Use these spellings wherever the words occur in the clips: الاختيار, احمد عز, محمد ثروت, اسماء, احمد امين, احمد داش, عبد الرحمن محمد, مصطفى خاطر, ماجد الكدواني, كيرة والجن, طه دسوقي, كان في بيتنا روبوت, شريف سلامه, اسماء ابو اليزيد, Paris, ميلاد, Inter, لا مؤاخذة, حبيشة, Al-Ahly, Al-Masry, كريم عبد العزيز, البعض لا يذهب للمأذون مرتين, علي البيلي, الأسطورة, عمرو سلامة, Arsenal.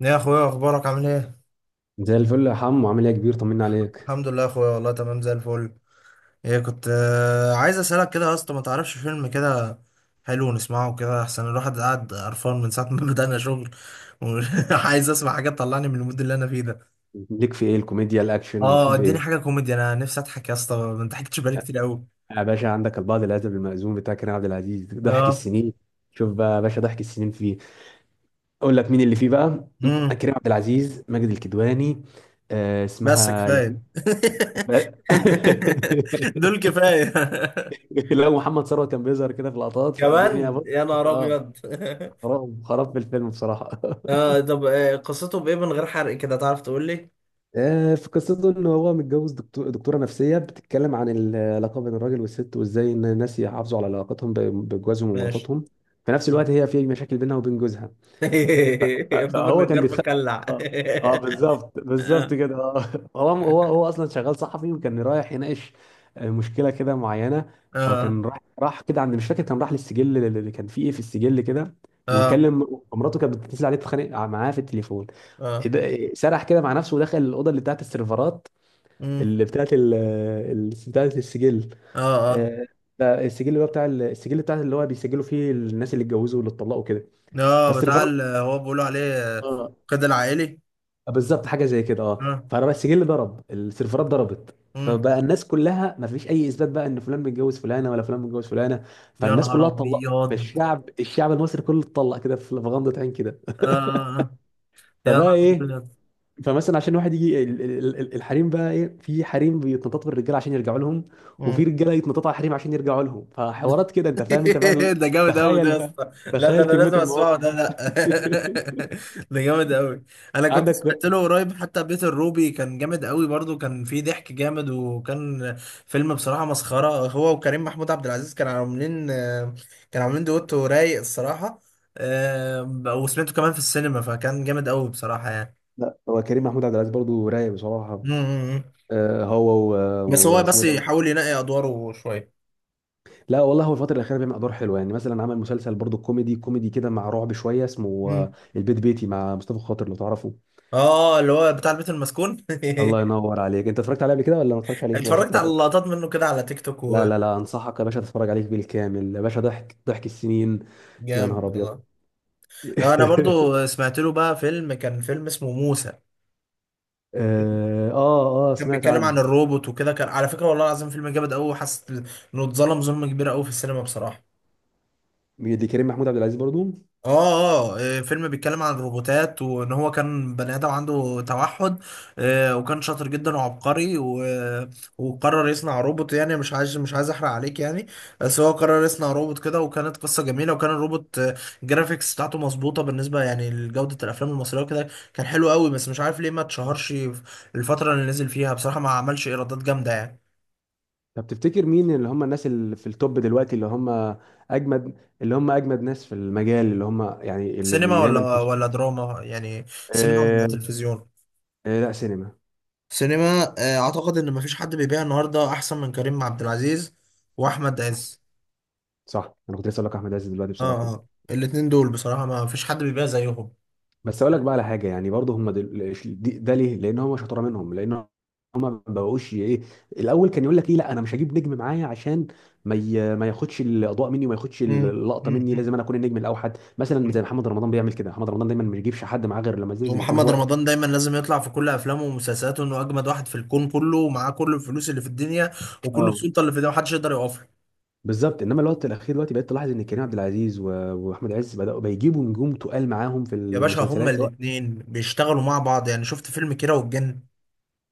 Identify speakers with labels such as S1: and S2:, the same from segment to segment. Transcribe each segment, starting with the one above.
S1: يا اخويا، اخبارك؟ عامل ايه؟
S2: زي الفل يا حمو، عامل ايه يا كبير؟ طمنا عليك.
S1: الحمد لله يا اخويا، والله تمام زي الفل. ايه، كنت عايز اسالك كده يا اسطى، ما تعرفش فيلم كده حلو نسمعه؟ كده احسن، الواحد قاعد قرفان من ساعه ما بدأنا شغل، وعايز اسمع حاجه تطلعني من المود اللي انا فيه ده.
S2: ليك في ايه؟ الكوميديا الاكشن،
S1: اه،
S2: تحب
S1: اديني حاجه
S2: ايه؟
S1: كوميدي، انا نفسي اضحك يا اسطى، ما انت حكيتش بقالي كتير قوي.
S2: يا باشا عندك البعض الادب المأزوم بتاع كريم عبد العزيز، ضحك
S1: اه.
S2: السنين. شوف بقى يا باشا، ضحك السنين فيه. اقول لك مين اللي فيه بقى.
S1: امم
S2: كريم عبد العزيز، ماجد الكدواني.
S1: بس
S2: اسمها
S1: كفايه. دول كفايه.
S2: لو محمد ثروت كان بيظهر كده في لقطات، فالدنيا
S1: كمان،
S2: بص.
S1: يا نهار
S2: اه
S1: ابيض!
S2: خراب خراب في الفيلم بصراحة.
S1: آه، طب قصته بايه من غير حرق كده، تعرف تقول لي؟
S2: في قصته ان هو متجوز دكتور دكتوره نفسيه بتتكلم عن العلاقه بين الراجل والست، وازاي ان الناس يحافظوا على علاقتهم بجوازهم
S1: ماشي.
S2: ومراتاتهم. في نفس الوقت هي في مشاكل بينها وبين جوزها.
S1: باب
S2: فهو كان
S1: النجار
S2: بيتخ.
S1: مخلع.
S2: اه اه بالظبط بالظبط
S1: اه.
S2: كده، هو اصلا شغال صحفي، وكان رايح يناقش مشكله كده معينه.
S1: اه.
S2: فكان راح كده، عند مش فاكر، كان راح للسجل اللي كان فيه ايه في السجل كده.
S1: اه.
S2: وكلم مراته، كانت بتتصل عليه تتخانق معاه في التليفون.
S1: اه.
S2: إيه ده- إيه، سرح كده مع نفسه ودخل الاوضه اللي بتاعت السيرفرات،
S1: مم.
S2: اللي بتاعت بتاعت السجل.
S1: اه. اه.
S2: آه، ده السجل اللي هو بتاع السجل، بتاع اللي هو بيسجلوا فيه الناس اللي اتجوزوا واللي اتطلقوا كده.
S1: اه بتاع
S2: فالسيرفرات.
S1: هو بيقولوا عليه. آه،
S2: آه،
S1: قيد العائلي.
S2: بالظبط حاجه زي كده. اه
S1: اه.
S2: فبقى السجل ضرب، السيرفرات ضربت،
S1: مم.
S2: فبقى الناس كلها ما فيش اي اثبات بقى ان فلان متجوز فلانه ولا فلان متجوز فلانه.
S1: يا
S2: فالناس
S1: نهار
S2: كلها اتطلقت،
S1: ابيض.
S2: فالشعب المصري كله اتطلق كده في غمضه عين كده.
S1: اه، آه. يا
S2: فبقى
S1: نهار
S2: ايه؟ فمثلا عشان واحد يجي الحريم بقى ايه، في حريم بيتنططوا بالرجاله عشان يرجعوا لهم، وفي
S1: ابيض.
S2: رجاله يتنططوا على الحريم عشان يرجعوا لهم، فحوارات كده انت فاهم؟ انت بقى
S1: ده جامد قوي ده
S2: تخيل
S1: يا
S2: بقى،
S1: اسطى. لا ده
S2: تخيل
S1: انا
S2: كميه
S1: لازم اسمعه
S2: المواقف.
S1: ده، لا. ده جامد قوي. انا كنت سمعت
S2: عندك،
S1: له قريب حتى بيت الروبي، كان جامد قوي برضو، كان فيه ضحك جامد، وكان فيلم بصراحة مسخرة، هو وكريم محمود عبد العزيز كانوا عاملين، كانوا عاملين دويتو رايق الصراحة. آه، وسمعته كمان في السينما، فكان جامد قوي بصراحة يعني.
S2: لا هو كريم محمود عبد العزيز برضه رايق بصراحه.
S1: مم.
S2: هو
S1: بس هو
S2: واسمه
S1: بس
S2: إيه ده؟
S1: يحاول ينقي ادواره شوية.
S2: لا والله، هو الفتره الاخيره بيعمل ادوار حلوه، يعني مثلا عمل مسلسل برضه كوميدي، كوميدي كده مع رعب شويه، اسمه
S1: مم.
S2: البيت بيتي، مع مصطفى خاطر لو تعرفه.
S1: اه، اللي هو بتاع البيت المسكون.
S2: الله ينور عليك، انت اتفرجت عليه قبل كده ولا ما اتفرجتش عليه، ولا شفت
S1: اتفرجت على
S2: لقطات؟
S1: لقطات منه كده على تيك توك.
S2: لا لا لا، انصحك يا باشا تتفرج عليه بالكامل يا باشا، ضحك السنين. يا نهار
S1: وجامد
S2: ابيض.
S1: والله. انا برضو سمعت له بقى فيلم، كان فيلم اسمه موسى.
S2: اه اه،
S1: كان
S2: سمعت
S1: بيتكلم
S2: عنه.
S1: عن الروبوت وكده، كان على فكرة والله العظيم فيلم جامد قوي، وحاسس انه اتظلم ظلم كبير قوي في السينما بصراحة.
S2: مين دي؟ كريم محمود عبد العزيز برضو؟
S1: اه اه، فيلم بيتكلم عن الروبوتات، وان هو كان بني ادم عنده توحد. وكان شاطر جدا وعبقري وقرر يصنع روبوت، يعني مش عايز، مش عايز احرق عليك يعني. بس هو قرر يصنع روبوت كده، وكانت قصة جميلة، وكان الروبوت الجرافيكس بتاعته مظبوطة بالنسبة يعني لجودة الافلام المصرية وكده. كان حلو قوي، بس مش عارف ليه ما اتشهرش في الفترة اللي نزل فيها، بصراحة ما عملش ايرادات جامدة يعني.
S2: طب تفتكر مين اللي هم الناس اللي في التوب دلوقتي، اللي هم اجمد، اللي هم اجمد ناس في المجال، اللي هم يعني اللي
S1: سينما
S2: بي دايما في؟
S1: ولا دراما يعني؟ سينما ولا
S2: آه
S1: تلفزيون؟
S2: لا، سينما.
S1: سينما، اعتقد ان مفيش حد بيبيع النهارده احسن من كريم عبد العزيز، واحمد عز.
S2: صح، انا كنت لسه اقول لك احمد عز دلوقتي بصراحه.
S1: اه. اه، الاتنين دول بصراحه ما فيش حد بيبيع زيهم.
S2: بس اقول لك بقى على حاجه، يعني برضه هم ده ليه؟ لان هم شطاره منهم، لان هم ما بقوش ايه. الاول كان يقول لك ايه، لا انا مش هجيب نجم معايا عشان ما ياخدش الاضواء مني، وما ياخدش
S1: مم.
S2: اللقطه مني، لازم
S1: مم.
S2: انا اكون النجم الاوحد، مثلا
S1: مم.
S2: زي محمد رمضان بيعمل كده، محمد رمضان دايما ما بيجيبش حد معاه غير لما لازم يكون
S1: ومحمد
S2: هو.
S1: رمضان دايما لازم يطلع في كل افلامه ومسلسلاته انه اجمد واحد في الكون كله، ومعاه كل الفلوس اللي في الدنيا، وكل
S2: اه،
S1: السلطه اللي في الدنيا، محدش يقدر يقف له.
S2: بالظبط. انما الوقت الاخير دلوقتي بقيت تلاحظ ان كريم عبد العزيز واحمد عز بداوا بيجيبوا نجوم تقال معاهم في
S1: يا باشا هما
S2: المسلسلات سواء.
S1: الاتنين بيشتغلوا مع بعض، يعني شفت فيلم كيرة والجن،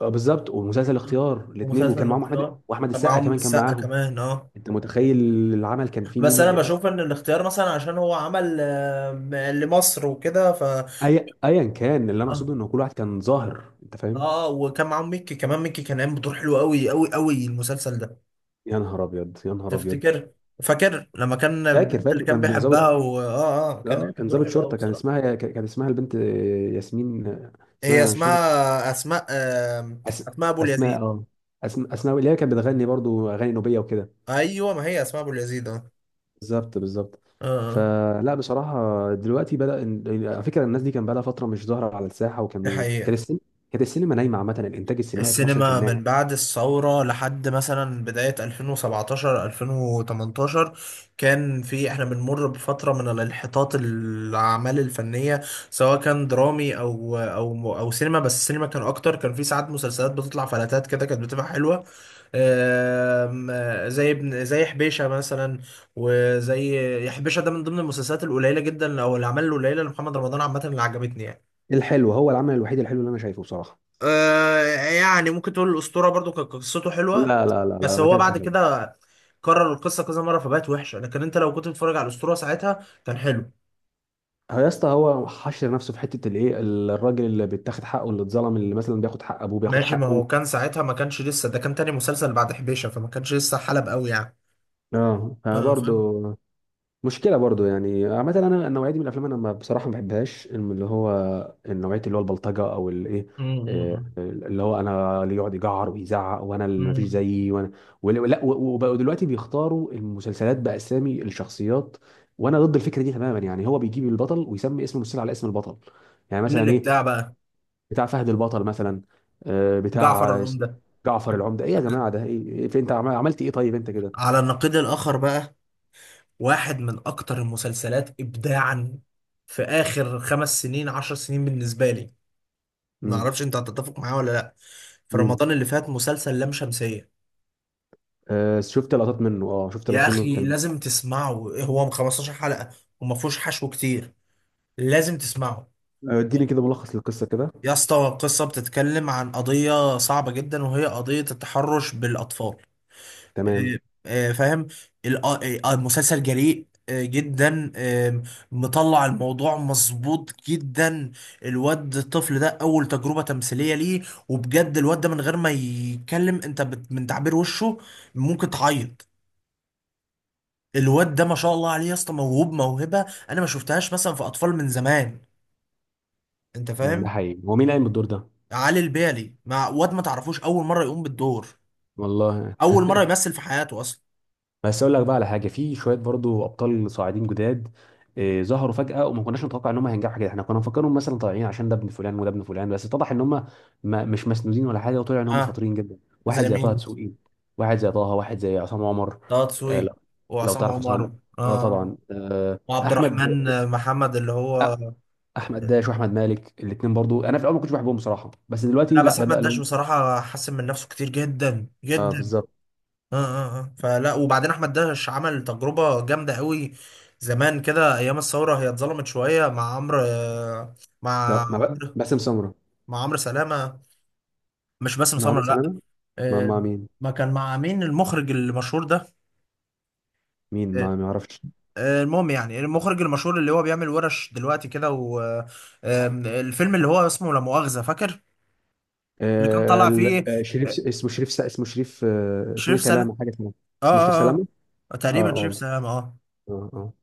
S2: بالظبط، ومسلسل اختيار الاثنين،
S1: ومسلسل
S2: وكان معاهم احمد،
S1: الاختيار
S2: واحمد
S1: كان
S2: السقا
S1: معاهم
S2: كمان كان
S1: السقا
S2: معاهم.
S1: كمان، اه.
S2: انت متخيل العمل كان فيه مين
S1: بس انا
S2: وإيه؟
S1: بشوف ان الاختيار مثلا عشان هو عمل لمصر وكده، ف
S2: اي ايا كان، اللي انا اقصده
S1: اه.
S2: ان كل واحد كان ظاهر، انت فاهم.
S1: اه، وكان معاهم ميكي كمان، ميكي كان قايم بدور حلو قوي قوي قوي المسلسل ده.
S2: يا نهار ابيض، يا نهار ابيض.
S1: تفتكر؟ فاكر لما كان
S2: فاكر
S1: البنت اللي
S2: فاكر
S1: كان
S2: كان
S1: بيحبها
S2: ظابط.
S1: و... اه اه، كان قايم
S2: اه، كان
S1: بدور
S2: ظابط
S1: حلو قوي
S2: شرطه، كان
S1: بصراحه.
S2: اسمها، كان اسمها البنت ياسمين.
S1: هي
S2: اسمها مش فاكر.
S1: اسمها اسماء،
S2: أس...
S1: اسماء ابو اليزيد.
S2: اسماء، اه.
S1: آه،
S2: اسماء اللي هي كانت بتغني برضو اغاني نوبيه وكده.
S1: ايوه، ما هي اسماء ابو اليزيد، اه.
S2: بالظبط بالظبط.
S1: اه، آه.
S2: فلا بصراحه دلوقتي بدا على فكره الناس دي كان بقى لها فتره مش ظاهره على الساحه،
S1: دي
S2: وكانوا،
S1: حقيقه.
S2: كانت السينما نايمه، عامه الانتاج السينمائي في مصر كان
S1: السينما
S2: نايم.
S1: من بعد الثورة لحد مثلا بداية 2017 2018، كان في، احنا بنمر بفترة من الانحطاط، الأعمال الفنية سواء كان درامي أو سينما، بس السينما كان أكتر. كان في ساعات مسلسلات بتطلع فلاتات كده، كانت بتبقى حلوة. آم، آه، زي ابن، زي حبيشة مثلا. وزي حبيشة ده من ضمن المسلسلات القليلة جدا، أو الأعمال القليلة لمحمد رمضان عامة، اللي عجبتني يعني.
S2: الحلو هو العمل الوحيد الحلو اللي انا شايفه بصراحه.
S1: آه، يعني ممكن تقول الأسطورة برضو كانت قصته حلوة،
S2: لا لا لا لا،
S1: بس
S2: ما
S1: هو
S2: كانش
S1: بعد
S2: حلو.
S1: كده كرر القصة كذا مرة فبقت وحشة، لكن انت لو كنت بتتفرج على الأسطورة ساعتها كان حلو.
S2: هو يا اسطى هو حشر نفسه في حته الايه، الراجل اللي بيتاخد حقه، اللي اتظلم، اللي مثلا بياخد حق ابوه، بياخد
S1: ماشي، ما
S2: حقه.
S1: هو كان ساعتها ما كانش لسه، ده كان تاني مسلسل بعد حبيشة، فما كانش لسه حلب قوي يعني.
S2: اه،
S1: اه،
S2: فبرضه
S1: فاهم.
S2: مشكله برضو يعني عامه، انا النوعيه دي من الافلام انا ما بصراحه ما بحبهاش اللي هو النوعيه، اللي هو البلطجه او الايه. إيه،
S1: امم
S2: آه، اللي هو انا، اللي يقعد يجعر ويزعق وانا، اللي ما فيش
S1: امم
S2: زيي، وانا. ولا لا، وبقوا دلوقتي بيختاروا المسلسلات باسامي الشخصيات، وانا ضد الفكره دي تماما. يعني هو بيجيب البطل ويسمي اسم المسلسل على اسم البطل، يعني
S1: من
S2: مثلا ايه،
S1: الإبداع بقى.
S2: بتاع فهد البطل مثلا،
S1: جعفر
S2: بتاع
S1: العمدة.
S2: جعفر العمده. ايه يا جماعه ده ايه؟ انت عملت ايه طيب انت كده؟
S1: على النقيض الآخر بقى، واحد من أكتر المسلسلات إبداعا في آخر خمس سنين، عشر سنين بالنسبة لي، ما اعرفش انت هتتفق معاه ولا لا، في
S2: امم،
S1: رمضان اللي فات، مسلسل لام شمسية.
S2: شفت لقطات منه، اه شفت
S1: يا
S2: لقطات منه
S1: اخي
S2: كان.
S1: لازم تسمعه، هو 15 حلقة وما فيهوش حشو كتير، لازم تسمعه.
S2: اديني كده ملخص للقصه كده.
S1: يا اسطى قصة بتتكلم عن قضية صعبة جدا، وهي قضية التحرش بالأطفال.
S2: تمام.
S1: آه، فاهم. المسلسل جريء جدا، مطلع الموضوع مظبوط جدا. الواد الطفل ده اول تجربة تمثيلية ليه، وبجد الواد ده من غير ما يتكلم، انت من تعبير وشه ممكن تعيط. الواد ده ما شاء الله عليه يا اسطى، موهوب موهبة انا ما شفتهاش مثلا في اطفال من زمان، انت
S2: ده
S1: فاهم.
S2: حقيقي، هو مين قايم بالدور ده؟
S1: علي البيلي مع واد ما تعرفوش، اول مرة يقوم بالدور،
S2: والله.
S1: اول مرة يمثل في حياته اصلا.
S2: بس اقول لك بقى على حاجه، في شويه برضو ابطال صاعدين جداد ظهروا فجاه، وما كناش نتوقع ان هم هينجحوا كده. احنا كنا مفكرهم مثلا طالعين عشان ده ابن فلان وده ابن فلان، بس اتضح ان هم ما مش مسنودين ولا حاجه، وطلع ان هم
S1: ها.
S2: شاطرين جدا. واحد
S1: زي
S2: زي طه
S1: مين؟
S2: دسوقي، واحد زي طه، واحد زي عصام عمر.
S1: طه
S2: آه،
S1: دسوقي،
S2: لو لو
S1: وعصام
S2: تعرف عصام،
S1: عمر.
S2: اه
S1: اه،
S2: طبعا.
S1: وعبد
S2: احمد،
S1: الرحمن
S2: بص
S1: محمد اللي هو...
S2: احمد داش واحمد مالك، الاثنين برضو انا في الاول ما كنتش بحبهم بصراحه، بس دلوقتي
S1: لا
S2: لا،
S1: بس احمد
S2: بدا
S1: داش
S2: لهم.
S1: بصراحه حسن من نفسه كتير جدا
S2: اه
S1: جدا.
S2: بالظبط.
S1: اه اه اه، فلا، وبعدين احمد داش عمل تجربه جامده قوي زمان كده ايام الثوره، هي اتظلمت شويه مع عمرو مع
S2: مع
S1: عمرو،
S2: باسم سمره،
S1: مع عمرو سلامه. مش باسم
S2: مع
S1: سمره، لا.
S2: مثلا، مع
S1: آه،
S2: مع مين؟
S1: ما كان مع مين المخرج المشهور ده؟
S2: مين،
S1: آه،
S2: ما اعرفش.
S1: المهم يعني، المخرج المشهور اللي هو بيعمل ورش دلوقتي كده، والفيلم اللي هو اسمه لا مؤاخذة، فاكر اللي كان طالع فيه؟
S2: شريف
S1: آه،
S2: اسمه شريف، اسمه شريف، اسمه ايه؟
S1: شريف سلام.
S2: سلامه، حاجه سلامه.
S1: اه
S2: اسمه شريف
S1: اه اه.
S2: سلامه. اه
S1: تقريبا شريف
S2: اه
S1: سلام، اه.
S2: اه اه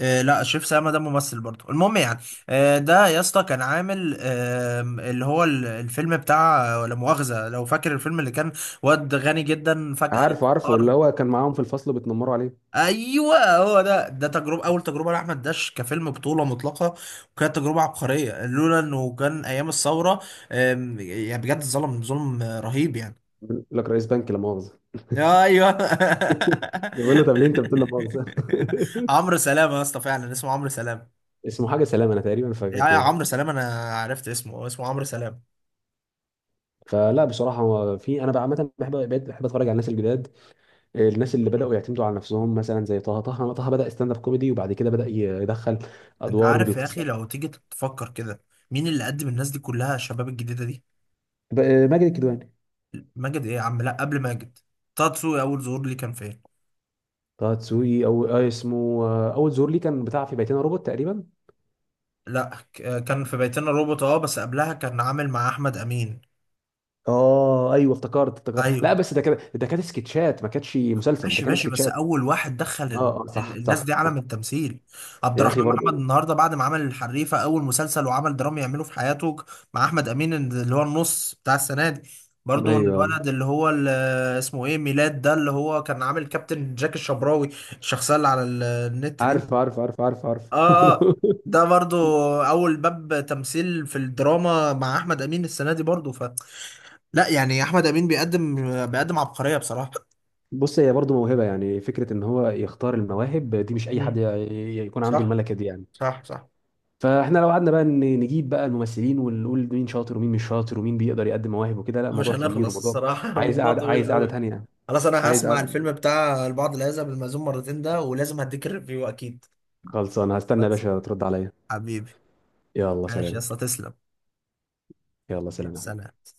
S1: لا شريف سلامة ده ممثل برضه، المهم يعني. ده يا اسطى كان عامل الفيلم بتاع لا مؤاخذة، لو فاكر الفيلم، اللي كان واد غني جدا فجأة
S2: عارفه عارفه،
S1: فقر.
S2: اللي هو كان معاهم في الفصل بيتنمروا عليه.
S1: ايوه هو ده تجربه، اول تجربه لاحمد داش كفيلم بطوله مطلقه، وكانت تجربه عبقريه لولا انه كان ايام الثوره. يعني بجد ظلم، ظلم رهيب يعني.
S2: بيقول لك رئيس بنك لا مؤاخذه.
S1: ايوه.
S2: بيقول له، طب ليه انت بتقول لا مؤاخذه؟
S1: عمرو سلام يا اسطى، فعلا اسمه عمرو سلام.
S2: اسمه حاجه سلامه، انا تقريبا
S1: يا
S2: فاكر
S1: يا
S2: كده.
S1: عمرو سلام، انا عرفت اسمه، هو اسمه عمرو سلام.
S2: فلا بصراحه، هو في انا بقى عامه بحب، بقيت بحب اتفرج على الناس الجداد، الناس اللي
S1: م.
S2: بدأوا يعتمدوا على نفسهم، مثلا زي طه، طه بدأ ستاند اب كوميدي، وبعد كده بدأ يدخل
S1: انت
S2: أدوار
S1: عارف يا اخي
S2: للقصة.
S1: لو تيجي تفكر كده، مين اللي قدم الناس دي كلها، الشباب الجديده دي؟
S2: بقى ماجد الكدواني.
S1: ماجد ايه يا عم، لا قبل ماجد. طه دسوقي اول ظهور ليه كان فين؟
S2: طه دسوقي، أو اسمه، أول ظهور ليه كان بتاع في بيتنا روبوت تقريبا.
S1: لا كان في بيتنا روبوت، اه، بس قبلها كان عامل مع احمد امين.
S2: اه ايوه افتكرت افتكرت، لا
S1: ايوه.
S2: بس ده كده ده كانت سكتشات، ما كانتش مسلسل، ده
S1: ماشي
S2: كان
S1: ماشي، بس
S2: سكتشات.
S1: اول واحد دخل
S2: اه اه، صح
S1: الناس
S2: صح.
S1: دي عالم التمثيل، عبد
S2: يا أخي
S1: الرحمن محمد،
S2: برضو.
S1: النهارده بعد ما عمل الحريفه، اول مسلسل وعمل درامي يعمله في حياته، مع احمد امين اللي هو النص بتاع السنه دي. برضو
S2: أيوه.
S1: الولد اللي هو اسمه ايه، ميلاد ده، اللي هو كان عامل كابتن جاك الشبراوي، الشخصيه اللي على النت دي.
S2: عارف عارف عارف عارف عارف.
S1: اه، آه. ده برضو اول باب تمثيل في الدراما، مع احمد امين السنه دي برضو. لا يعني احمد امين بيقدم عبقريه بصراحه.
S2: بص، هي برضو موهبة، يعني فكرة إن هو يختار المواهب دي، مش أي حد
S1: مم.
S2: يكون عنده
S1: صح.
S2: الملكة دي يعني.
S1: صح صح.
S2: فاحنا لو قعدنا بقى نجيب بقى الممثلين ونقول مين شاطر ومين مش شاطر ومين بيقدر يقدم مواهب وكده، لا
S1: مش
S2: موضوع كبير
S1: هنخلص
S2: وموضوع.
S1: الصراحه،
S2: عايز
S1: الموضوع
S2: قعدة،
S1: طويل
S2: عايز قعدة
S1: قوي.
S2: تانية.
S1: خلاص، انا
S2: عايز
S1: هسمع
S2: قعدة.
S1: الفيلم بتاع البعض لا يذهب للمأذون مرتين ده، ولازم هديك الريفيو اكيد.
S2: خلصانه، هستنى يا
S1: خلاص.
S2: باشا ترد عليا.
S1: حبيبي.
S2: يلا
S1: ماشي يا
S2: سلام.
S1: اسطى، تسلم.
S2: يلا سلام يا حبيبي.
S1: سلام.